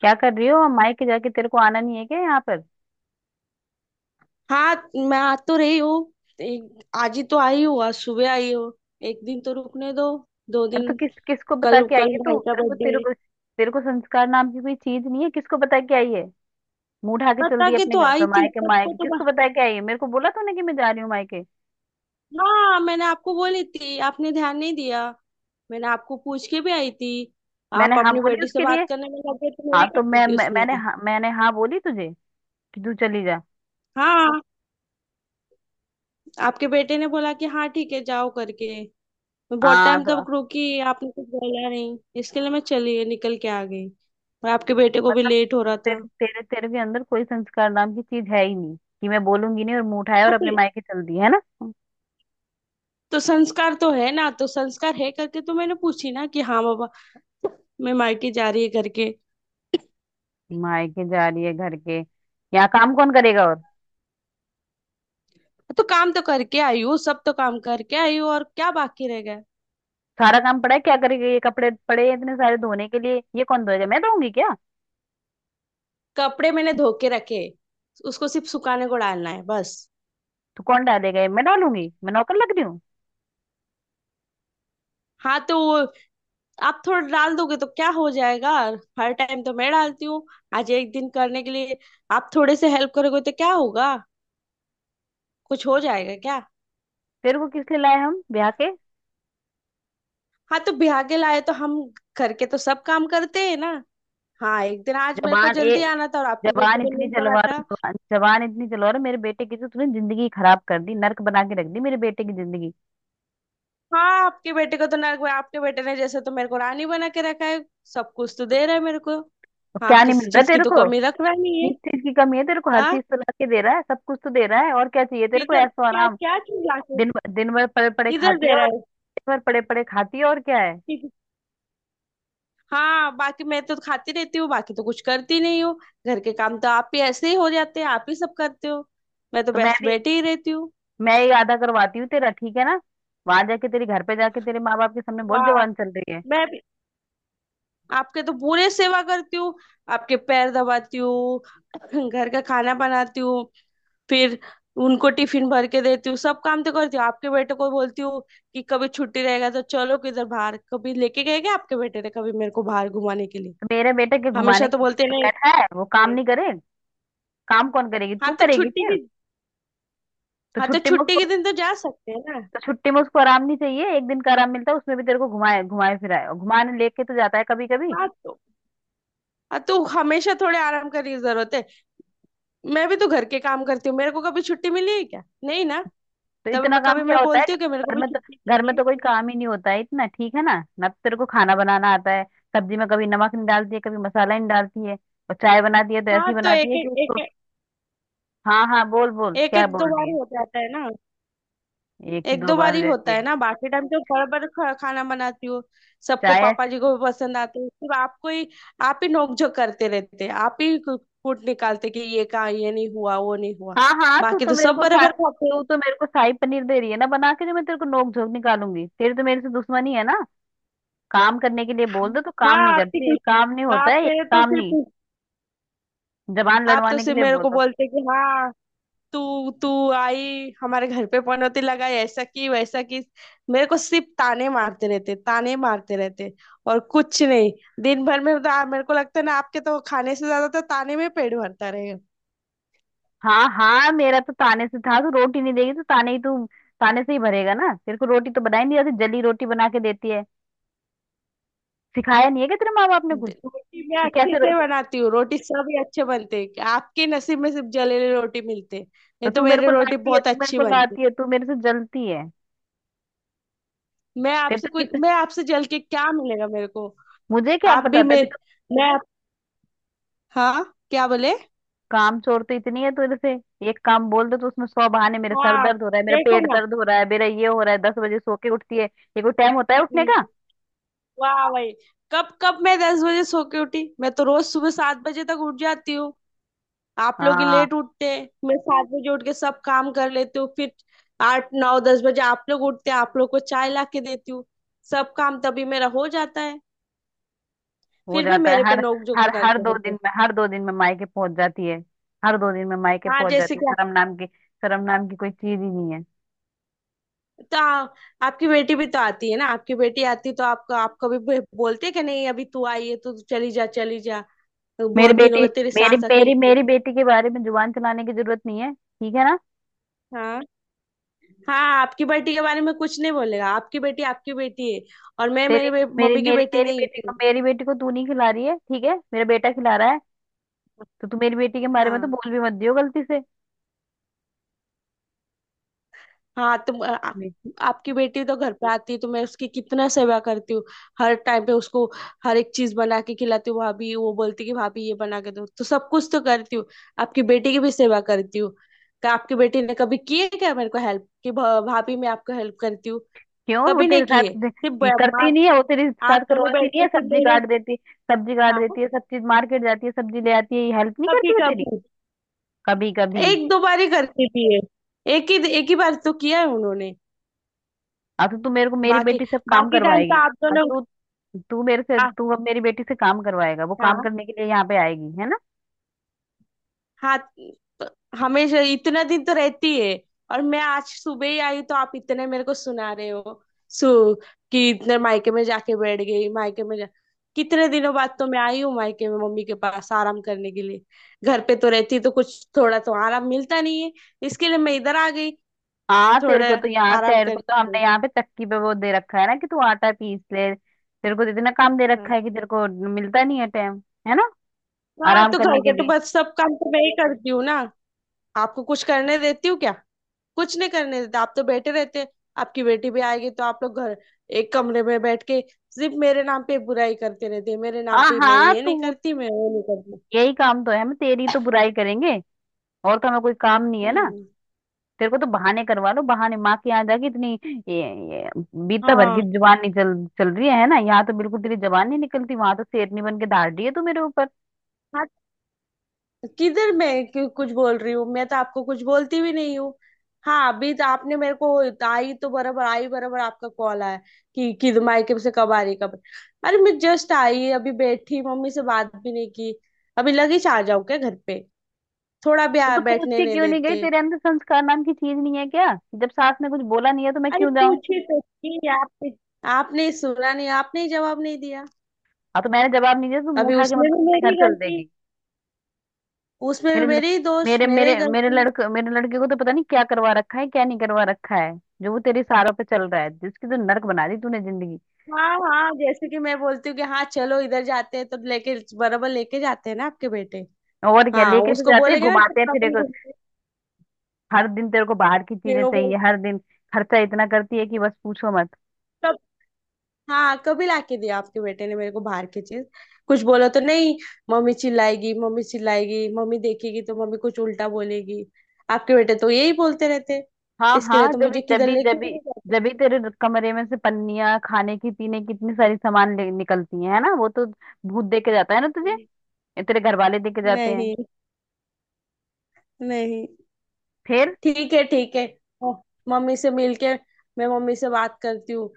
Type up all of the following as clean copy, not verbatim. क्या कर रही हो मायके जाके? तेरे को आना नहीं है क्या यहाँ पर? हाँ, मैं आ तो रही हूँ। आज ही तो आई हूँ। आज सुबह आई हूँ। एक दिन तो रुकने दो, दो अरे तो दिन। किस किसको बता कल के आई कल है तू? भाई का बर्थडे है। तेरे को संस्कार नाम की कोई चीज नहीं है। किसको बता के आई है? मुंह उठा के चल पता दी के अपने तो घर पे। आई थी मायके सबको मायके, किसको बता के आई है? मेरे को बोला तूने कि मैं जा रही हूँ मायके? हाँ, मैंने आपको बोली थी, आपने ध्यान नहीं दिया। मैंने आपको पूछ के भी आई थी। आप मैंने हाँ अपनी बोली बेटी से उसके लिए? बात करने में लगे, तो हाँ, मेरी क्या तो मैं, गलती मैं उसमें। मैंने हाँ, मैंने हाँ बोली तुझे कि तू चली जा? हाँ, आपके बेटे ने बोला कि हाँ ठीक है जाओ करके। मैं बहुत हाँ टाइम तो तक रुकी, आपने कुछ बोला नहीं। इसके लिए मैं चली निकल के आ गई। और आपके बेटे को भी मतलब लेट हो रहा था। तेरे तेरे तेरे के अंदर कोई संस्कार नाम की चीज है ही नहीं। कि मैं बोलूंगी नहीं और मुंह उठाया और अपने मायके चल दी, है ना? तो संस्कार तो है ना, तो संस्कार है करके तो मैंने पूछी ना कि हाँ बाबा, मैं मायके जा रही है करके। मायके जा रही है, घर के यहाँ काम कौन करेगा? और तो काम तो करके आई हूँ सब। तो काम करके आई हूँ, और क्या बाकी रह गया। सारा काम पड़ा है, क्या करेगी? ये कपड़े पड़े हैं इतने सारे धोने के लिए, ये कौन धोएगा? मैं धोऊंगी क्या? कपड़े मैंने धो के रखे, उसको सिर्फ सुखाने को डालना है बस। तो कौन डालेगा ये? मैं डालूंगी? मैं नौकर लग रही हूँ? हाँ तो वो, आप थोड़ा डाल दोगे तो क्या हो जाएगा। हर टाइम तो मैं डालती हूँ। आज एक दिन करने के लिए आप थोड़े से हेल्प करोगे तो क्या होगा, कुछ हो जाएगा क्या। तेरे को किस लिए लाए हम ब्याह के? हाँ तो ब्याह के लाए तो हम घर के तो सब काम करते हैं ना। हाँ, एक दिन आज मेरे को जबान ए, जल्दी आना था और आपके बेटे जबान को इतनी नहीं पड़ा चलवा रहे था। हो, जबान जबान इतनी चलवा रहे हो। मेरे बेटे की तो तूने जिंदगी खराब कर दी, नर्क बना के रख दी मेरे बेटे की जिंदगी। हाँ, आपके बेटे को तो नर्क, आपके बेटे ने जैसे तो मेरे को रानी बना के रखा है। सब कुछ तो दे रहा है मेरे को। तो हाँ, क्या नहीं किसी मिल रहा चीज की तेरे तो को? कमी रख रहा नहीं किस है। चीज की कमी है तेरे को? हर हाँ, चीज तो ला के दे रहा है, सब कुछ तो दे रहा है, और क्या चाहिए तेरे को किधर ऐसा क्या आराम? क्या चीज लाके, दिन दिन भर पड़े पड़े किधर खाती दे है रहा और है। दिन भर पड़े पड़े खाती है, और क्या है? किस- हाँ, बाकी मैं तो खाती रहती हूँ, बाकी तो कुछ करती नहीं हूँ। घर के काम तो आप ही ऐसे ही हो जाते हैं, आप ही सब करते हो, मैं तो तो मैं बस भी, बैठी ही रहती हूँ। मैं ये आधा करवाती हूँ तेरा, ठीक है ना? वहां जाके, तेरे घर पे जाके, तेरे माँ बाप के सामने बहुत वाह। जवान चल रही है। मैं आपके तो पूरे सेवा करती हूँ, आपके पैर दबाती हूँ, घर का खाना बनाती हूँ। फिर उनको टिफिन भर के देती हूँ। सब काम तो करती हूँ। आपके बेटे को बोलती हूँ कि कभी छुट्टी रहेगा तो चलो किधर बाहर। कभी लेके गए क्या आपके बेटे ने कभी मेरे को बाहर घुमाने के लिए। तो मेरे बेटे के हमेशा घुमाने तो के बोलते लिए नहीं। बैठा है, वो काम नहीं करे? काम कौन करेगी, हाँ तू तो करेगी छुट्टी की, फिर? तो हाँ तो छुट्टी में छुट्टी के उसको, दिन तो जा सकते हैं ना। तो छुट्टी में उसको आराम नहीं चाहिए? एक दिन का आराम मिलता है, उसमें भी तेरे को घुमाए घुमाए फिराए। और घुमाने लेके तो जाता है कभी कभी। हाँ तो, हाँ तो हमेशा थोड़े आराम करने की जरूरत है। मैं भी तो घर के काम करती हूँ, मेरे को कभी छुट्टी मिली है क्या, नहीं ना। तो तब इतना मैं काम कभी क्या मैं होता है बोलती हूँ कि मेरे को घर भी में तो? छुट्टी घर में चाहिए। तो कोई काम ही नहीं होता है इतना, ठीक है ना? ना तो तेरे को खाना बनाना आता है, सब्जी में कभी नमक नहीं डालती है, कभी मसाला नहीं डालती है। और चाय बनाती है तो हाँ ऐसी तो एक बनाती है कि एक उसको। एक हाँ हाँ, बोल बोल, एक क्या एक दो बोल रही बार है? ही हो जाता है ना। एक ही एक दो दो बार बार ही हो होता जाती है है? ना, बाकी टाइम तो भर भर खा, खाना बनाती हूँ। सबको, शायद। पापा जी को भी पसंद आते हैं, सिर्फ आपको ही। आप ही नोकझोंक करते रहते हैं, आप ही कूट निकालते कि ये कहा, ये नहीं हुआ, वो नहीं हुआ। हाँ हाँ, बाकी तो सब बराबर खाते तू हैं। तो मेरे को शाही पनीर दे रही है ना बना के, जो मैं तेरे को नोक झोंक निकालूंगी? तेरी तो मेरे से दुश्मनी है ना। काम करने के लिए बोल दो तो हाँ, काम नहीं करती, आपकी, काम नहीं होता आप है, ये मेरे तो काम सिर्फ, नहीं। जबान आप तो लड़वाने के सिर्फ लिए मेरे बोल को दो। बोलते कि हाँ तू तू आई हमारे घर पे, पनौती लगाई, ऐसा की वैसा की। मेरे को सिर्फ ताने मारते रहते, ताने मारते रहते, और कुछ नहीं। दिन भर में तो मेरे को लगता है ना, आपके तो खाने से ज्यादा तो ताने में पेट भरता रहेगा। हाँ हाँ, मेरा तो ताने से था। तू रोटी नहीं देगी तो ताने ही, तू ताने से ही भरेगा ना। तेरे को रोटी तो बनाई नहीं आती, जली रोटी बना के देती है। सिखाया नहीं है क्या तेरे माँ बाप ने कुछ? रोटी मैं कि अच्छे कैसे रो... से बनाती हूँ, रोटी सब ही अच्छे बनते हैं। आपके नसीब में सिर्फ जलेले रोटी मिलते हैं। तो नहीं तो तू मेरे मेरी को रोटी लाती है, बहुत तू मेरे अच्छी को बनती। लाती है, तू मेरे से जलती है। तेरे तो किस मैं आपसे जल के क्या मिलेगा मेरे को। मुझे क्या आप भी पता था? मेरे, मैं, हाँ, क्या बोले। काम चोर तो इतनी है तेरे से। एक काम बोल दो तो उसमें सौ बहाने, मेरे सर हाँ दर्द हो रहा है, मेरा देखो पेट दर्द हो रहा है, मेरा ये हो रहा है। दस बजे सो के उठती है, ये कोई टाइम होता है उठने का? ना, वाह भाई, कब कब मैं दस बजे सो के उठी। मैं तो रोज सुबह सात बजे तक उठ जाती हूँ। आप लोग ही हाँ, लेट उठते हैं। मैं सात बजे उठ के सब काम कर लेती हूँ। फिर आठ, नौ, दस बजे आप लोग उठते हैं, आप लोग को चाय ला के देती हूँ। सब काम तभी मेरा हो जाता है। हो फिर भी जाता है। मेरे पे हर नोक झोंक हर हर करते दो रहते दिन हैं। में, हर दो दिन में मायके पहुंच जाती है। हर दो दिन में मायके हाँ, पहुंच जैसे जाती है। क्या। शर्म नाम की, शर्म नाम की कोई चीज ही नहीं है। तो आ, आपकी बेटी भी तो आती है ना। आपकी बेटी आती तो आपको, आपको भी बोलते हैं कि नहीं, अभी तू आई है तो तू चली जा, चली जा, तो मेरी बहुत दिन हो बेटी, गए तेरी मेरी सास मेरी अकेली। मेरी बेटी के बारे में जुबान चलाने की जरूरत नहीं है, ठीक है ना? हाँ, हाँ, आपकी बेटी के बारे में कुछ नहीं बोलेगा, आपकी बेटी है, और मैं तेरी, मेरी मम्मी की मेरी बेटी मेरी नहीं बेटी को, हूँ। मेरी बेटी को तू नहीं खिला रही है, ठीक है? मेरा बेटा खिला रहा है। तो तू मेरी बेटी के बारे में तो हाँ, बोल भी मत दियो गलती से। हाँ तुम आ, आ- आपकी बेटी तो घर पे आती है तो मैं उसकी कितना सेवा करती हूँ। हर टाइम पे उसको हर एक चीज बना के खिलाती हूँ। भाभी वो बोलती कि भाभी ये बना के दो, तो सब कुछ तो करती हूँ। आपकी बेटी की भी सेवा करती हूँ। क्या आपकी बेटी ने कभी की है क्या मेरे को हेल्प कि भाभी मैं आपको हेल्प करती हूँ। क्यों वो कभी तेरे नहीं साथ की है, दे- सिर्फ कि करती नहीं है, वो तेरे आप साथ दोनों करवाती बैठ नहीं के है? सिर्फ सब्जी मेरे। काट देती, सब्जी काट हाँ, देती है सब चीज, मार्केट जाती है सब्जी ले आती है, ये हेल्प नहीं कभी करती है तेरी? कभी कभी कभी? एक दो बार ही करती थी ये। एक ही बार तो किया है उन्होंने। अब तो तू मेरे को मेरी बाकी, बेटी से काम बाकी टाइम तो करवाएगी? आप अब दोनों। तू तू मेरे से, आ- तू अब मेरी बेटी से काम करवाएगा? वो काम हाँ, करने के लिए यहाँ पे आएगी, है ना? हाँ तो हमेशा इतना दिन तो रहती है, और मैं आज सुबह ही आई तो आप इतने मेरे को सुना रहे हो। सु कि इतने मायके में जाके बैठ गई, मायके में जा। कितने दिनों बाद तो मैं आई हूँ मायके में मम्मी के पास आराम करने के लिए। घर पे तो रहती तो कुछ थोड़ा तो आराम मिलता नहीं है। इसके लिए मैं इधर आ गई, हाँ, तेरे थोड़ा को तो यहाँ, आराम तेरे को करने तो के हमने लिए। यहाँ पे तक्की पे वो दे रखा है ना कि तू आटा पीस ले। तेरे को तो इतना काम दे हाँ, रखा है कि तेरे को मिलता नहीं है टाइम, है ना, हाँ आराम तो घर करने के के तो लिए? बस सब काम तो मैं ही करती हूँ ना। आपको कुछ करने देती हूँ क्या, कुछ नहीं करने देते, आप तो बैठे रहते हैं। आपकी बेटी भी आएगी तो आप लोग घर एक कमरे में बैठ के सिर्फ मेरे नाम पे बुराई करते रहते हैं, मेरे नाम हाँ पे, मैं हाँ, ये नहीं तू करती, मैं वो नहीं करती। यही काम तो है, हम तेरी तो बुराई करेंगे और, तो हमें कोई काम नहीं है ना। हम्म। तेरे को तो बहाने करवा लो, बहाने माँ के यहाँ जाके इतनी ये, ये बीता भर हाँ, की जुबान नहीं चल, चल रही है ना? यहाँ तो बिल्कुल तेरी जबान नहीं निकलती, वहां तो शेरनी बन के धाड़ रही है तू मेरे ऊपर। किधर, मैं क्यों कुछ बोल रही हूँ, मैं तो आपको कुछ बोलती भी नहीं हूँ। हाँ, अभी तो आपने मेरे को, आई तो बराबर आई, बराबर आपका कॉल आया कि मायके से कब आ रही कब। अरे मैं जस्ट आई, अभी बैठी, मम्मी से बात भी नहीं की। अभी लगे आ जाऊं क्या घर पे। तो तू पूछ बैठने के नहीं क्यों नहीं गई? देते। तेरे अंदर संस्कार नाम की चीज नहीं है क्या? कि जब सास ने कुछ बोला नहीं है तो मैं अरे क्यों जाऊं? पूछी तो थी, आपने, आपने सुना नहीं, आपने ही जवाब नहीं दिया। हाँ तो मैंने जवाब नहीं दिया तो मुंह अभी उठा के उसमें मतलब भी अपने घर मेरी चल गलती, देगी? उसमें भी मेरे ल- मेरी दोष, मेरे मेरे ही मेरे मेरे गलती। लड़के, मेरे लड़के को तो पता नहीं क्या करवा रखा है, क्या नहीं करवा रखा है, जो वो तेरे सारों पे चल रहा है। जिसकी तो नर्क बना दी तूने जिंदगी। हाँ, हाँ जैसे कि मैं बोलती हूँ कि हाँ चलो इधर जाते हैं तो लेके बराबर लेके जाते हैं ना आपके बेटे। और क्या हाँ, लेके तो उसको जाते हैं बोलेंगे ना घुमाते हैं चलो फिर अपन एक। घूमते हैं। हर दिन तेरे को बाहर की फिर चीजें वो बोल, चाहिए, हर दिन। खर्चा इतना करती है कि बस पूछो मत। कब, हाँ कभी लाके दिया आपके बेटे ने मेरे को बाहर की चीज। कुछ बोलो तो नहीं, मम्मी चिल्लाएगी, मम्मी देखेगी तो मम्मी कुछ उल्टा बोलेगी, आपके बेटे तो यही बोलते रहते हैं। हाँ इसके लिए हाँ, तो जब भी मुझे जब किधर भी जब लेके भी भी नहीं जाते। जब भी तेरे कमरे में से पन्नियां खाने की पीने की इतनी सारी सामान ले- निकलती हैं, है ना? वो तो भूत दे के जाता है ना तुझे? ये तेरे घर वाले दे के जाते हैं। नहीं, नहीं, फिर ठीक है, ठीक है। ओ, मम्मी से मिलके मैं मम्मी से बात करती हूँ।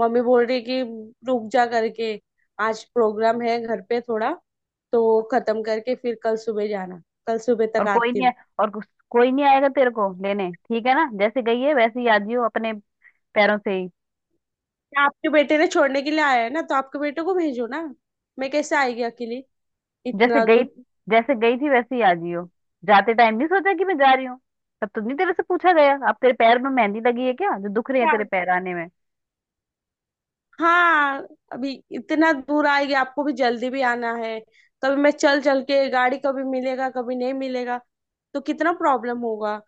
मम्मी बोल रही है कि रुक जा करके, आज प्रोग्राम है घर पे थोड़ा, तो खत्म करके फिर कल सुबह जाना। कल सुबह और तक कोई आती नहीं आ- हूँ। और कोई नहीं आएगा तेरे को लेने, ठीक है ना? जैसे गई है वैसे ही आ जियो, अपने पैरों से ही। आपके बेटे ने छोड़ने के लिए आया है ना, तो आपके बेटे को भेजो ना, मैं कैसे आएगी अकेली, जैसे इतना गई दूर। जैसे गई थी वैसे ही आ जियो। जाते टाइम नहीं सोचा कि मैं जा रही हूँ? तब तो नहीं तेरे से पूछा गया, अब तेरे पैर में मेहंदी लगी है क्या जो दुख रही है क्या? तेरे पैर आने में? हाँ, अभी इतना दूर आएगी, आपको भी जल्दी भी आना है। कभी मैं चल चल के गाड़ी कभी मिलेगा कभी नहीं मिलेगा, तो कितना प्रॉब्लम होगा।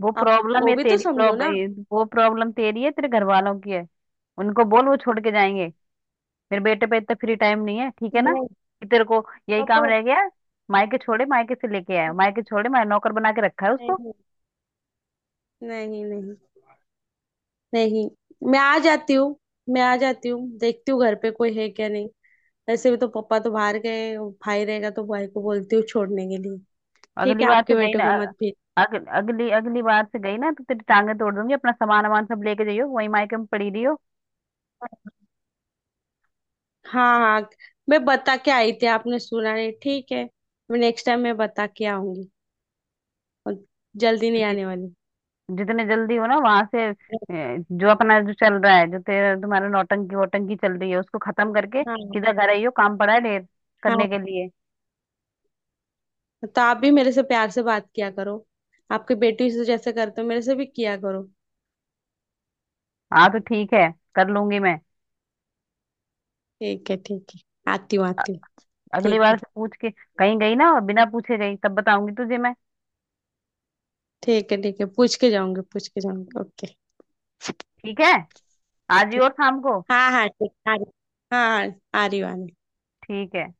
वो आप प्रॉब्लम वो है भी तो तेरी, समझो ना। प्रॉब्लम वो प्रॉब्लम तेरी है, तेरे घर वालों की है। उनको बोल, वो छोड़ के जाएंगे। मेरे बेटे पे इतना फ्री टाइम नहीं है, ठीक है ना? नहीं, कि तेरे को यही पापा, काम रह गया है? मायके छोड़े, मायके से लेके आया, मायके छोड़े, मैं नौकर बना के रखा है उसको? नहीं, नहीं, नहीं। नहीं, मैं आ जाती हूँ, मैं आ जाती हूँ, देखती हूँ घर पे कोई है क्या नहीं। वैसे भी तो पापा तो बाहर गए, और भाई रहेगा तो भाई को बोलती हूँ छोड़ने के लिए। ठीक अगली है, बार आपके से गई बेटे ना, को मत भेज। अग, अगली अगली बार से गई ना तो तेरी टांगे तोड़ दूंगी। अपना सामान वामान सब लेके जाइयो, वही मायके में पड़ी रही हो। हाँ, हाँ, मैं बता के आई थी, आपने सुना नहीं, ठीक है, मैं नेक्स्ट टाइम मैं बता के आऊंगी, और जल्दी नहीं जि- आने वाली। जितने जल्दी हो ना वहां से, जो अपना जो चल रहा है, जो तेरा तुम्हारा नौटंकी वोटंकी चल रही है, उसको खत्म करके हाँ, सीधा घर आइयो। काम पड़ा है ढेर हाँ करने के लिए। तो आप भी मेरे से प्यार से बात किया करो, आपके बेटी से जैसे करते हो मेरे से भी किया करो। हाँ तो ठीक है, कर लूंगी मैं। ठीक है, ठीक है, आती हूँ, आती हूँ। अगली ठीक है, बार से पूछ के कहीं गई ना, और बिना पूछे गई, तब बताऊंगी तुझे मैं। ठीक है, ठीक है, पूछ के जाऊंगी, पूछ के जाऊंगी, ओके। ठीक है, आज ही ठीक, और शाम को, हाँ हाँ ठीक, आ रही, हाँ हाँ आ रही हूँ, आ रही हूँ। ठीक है।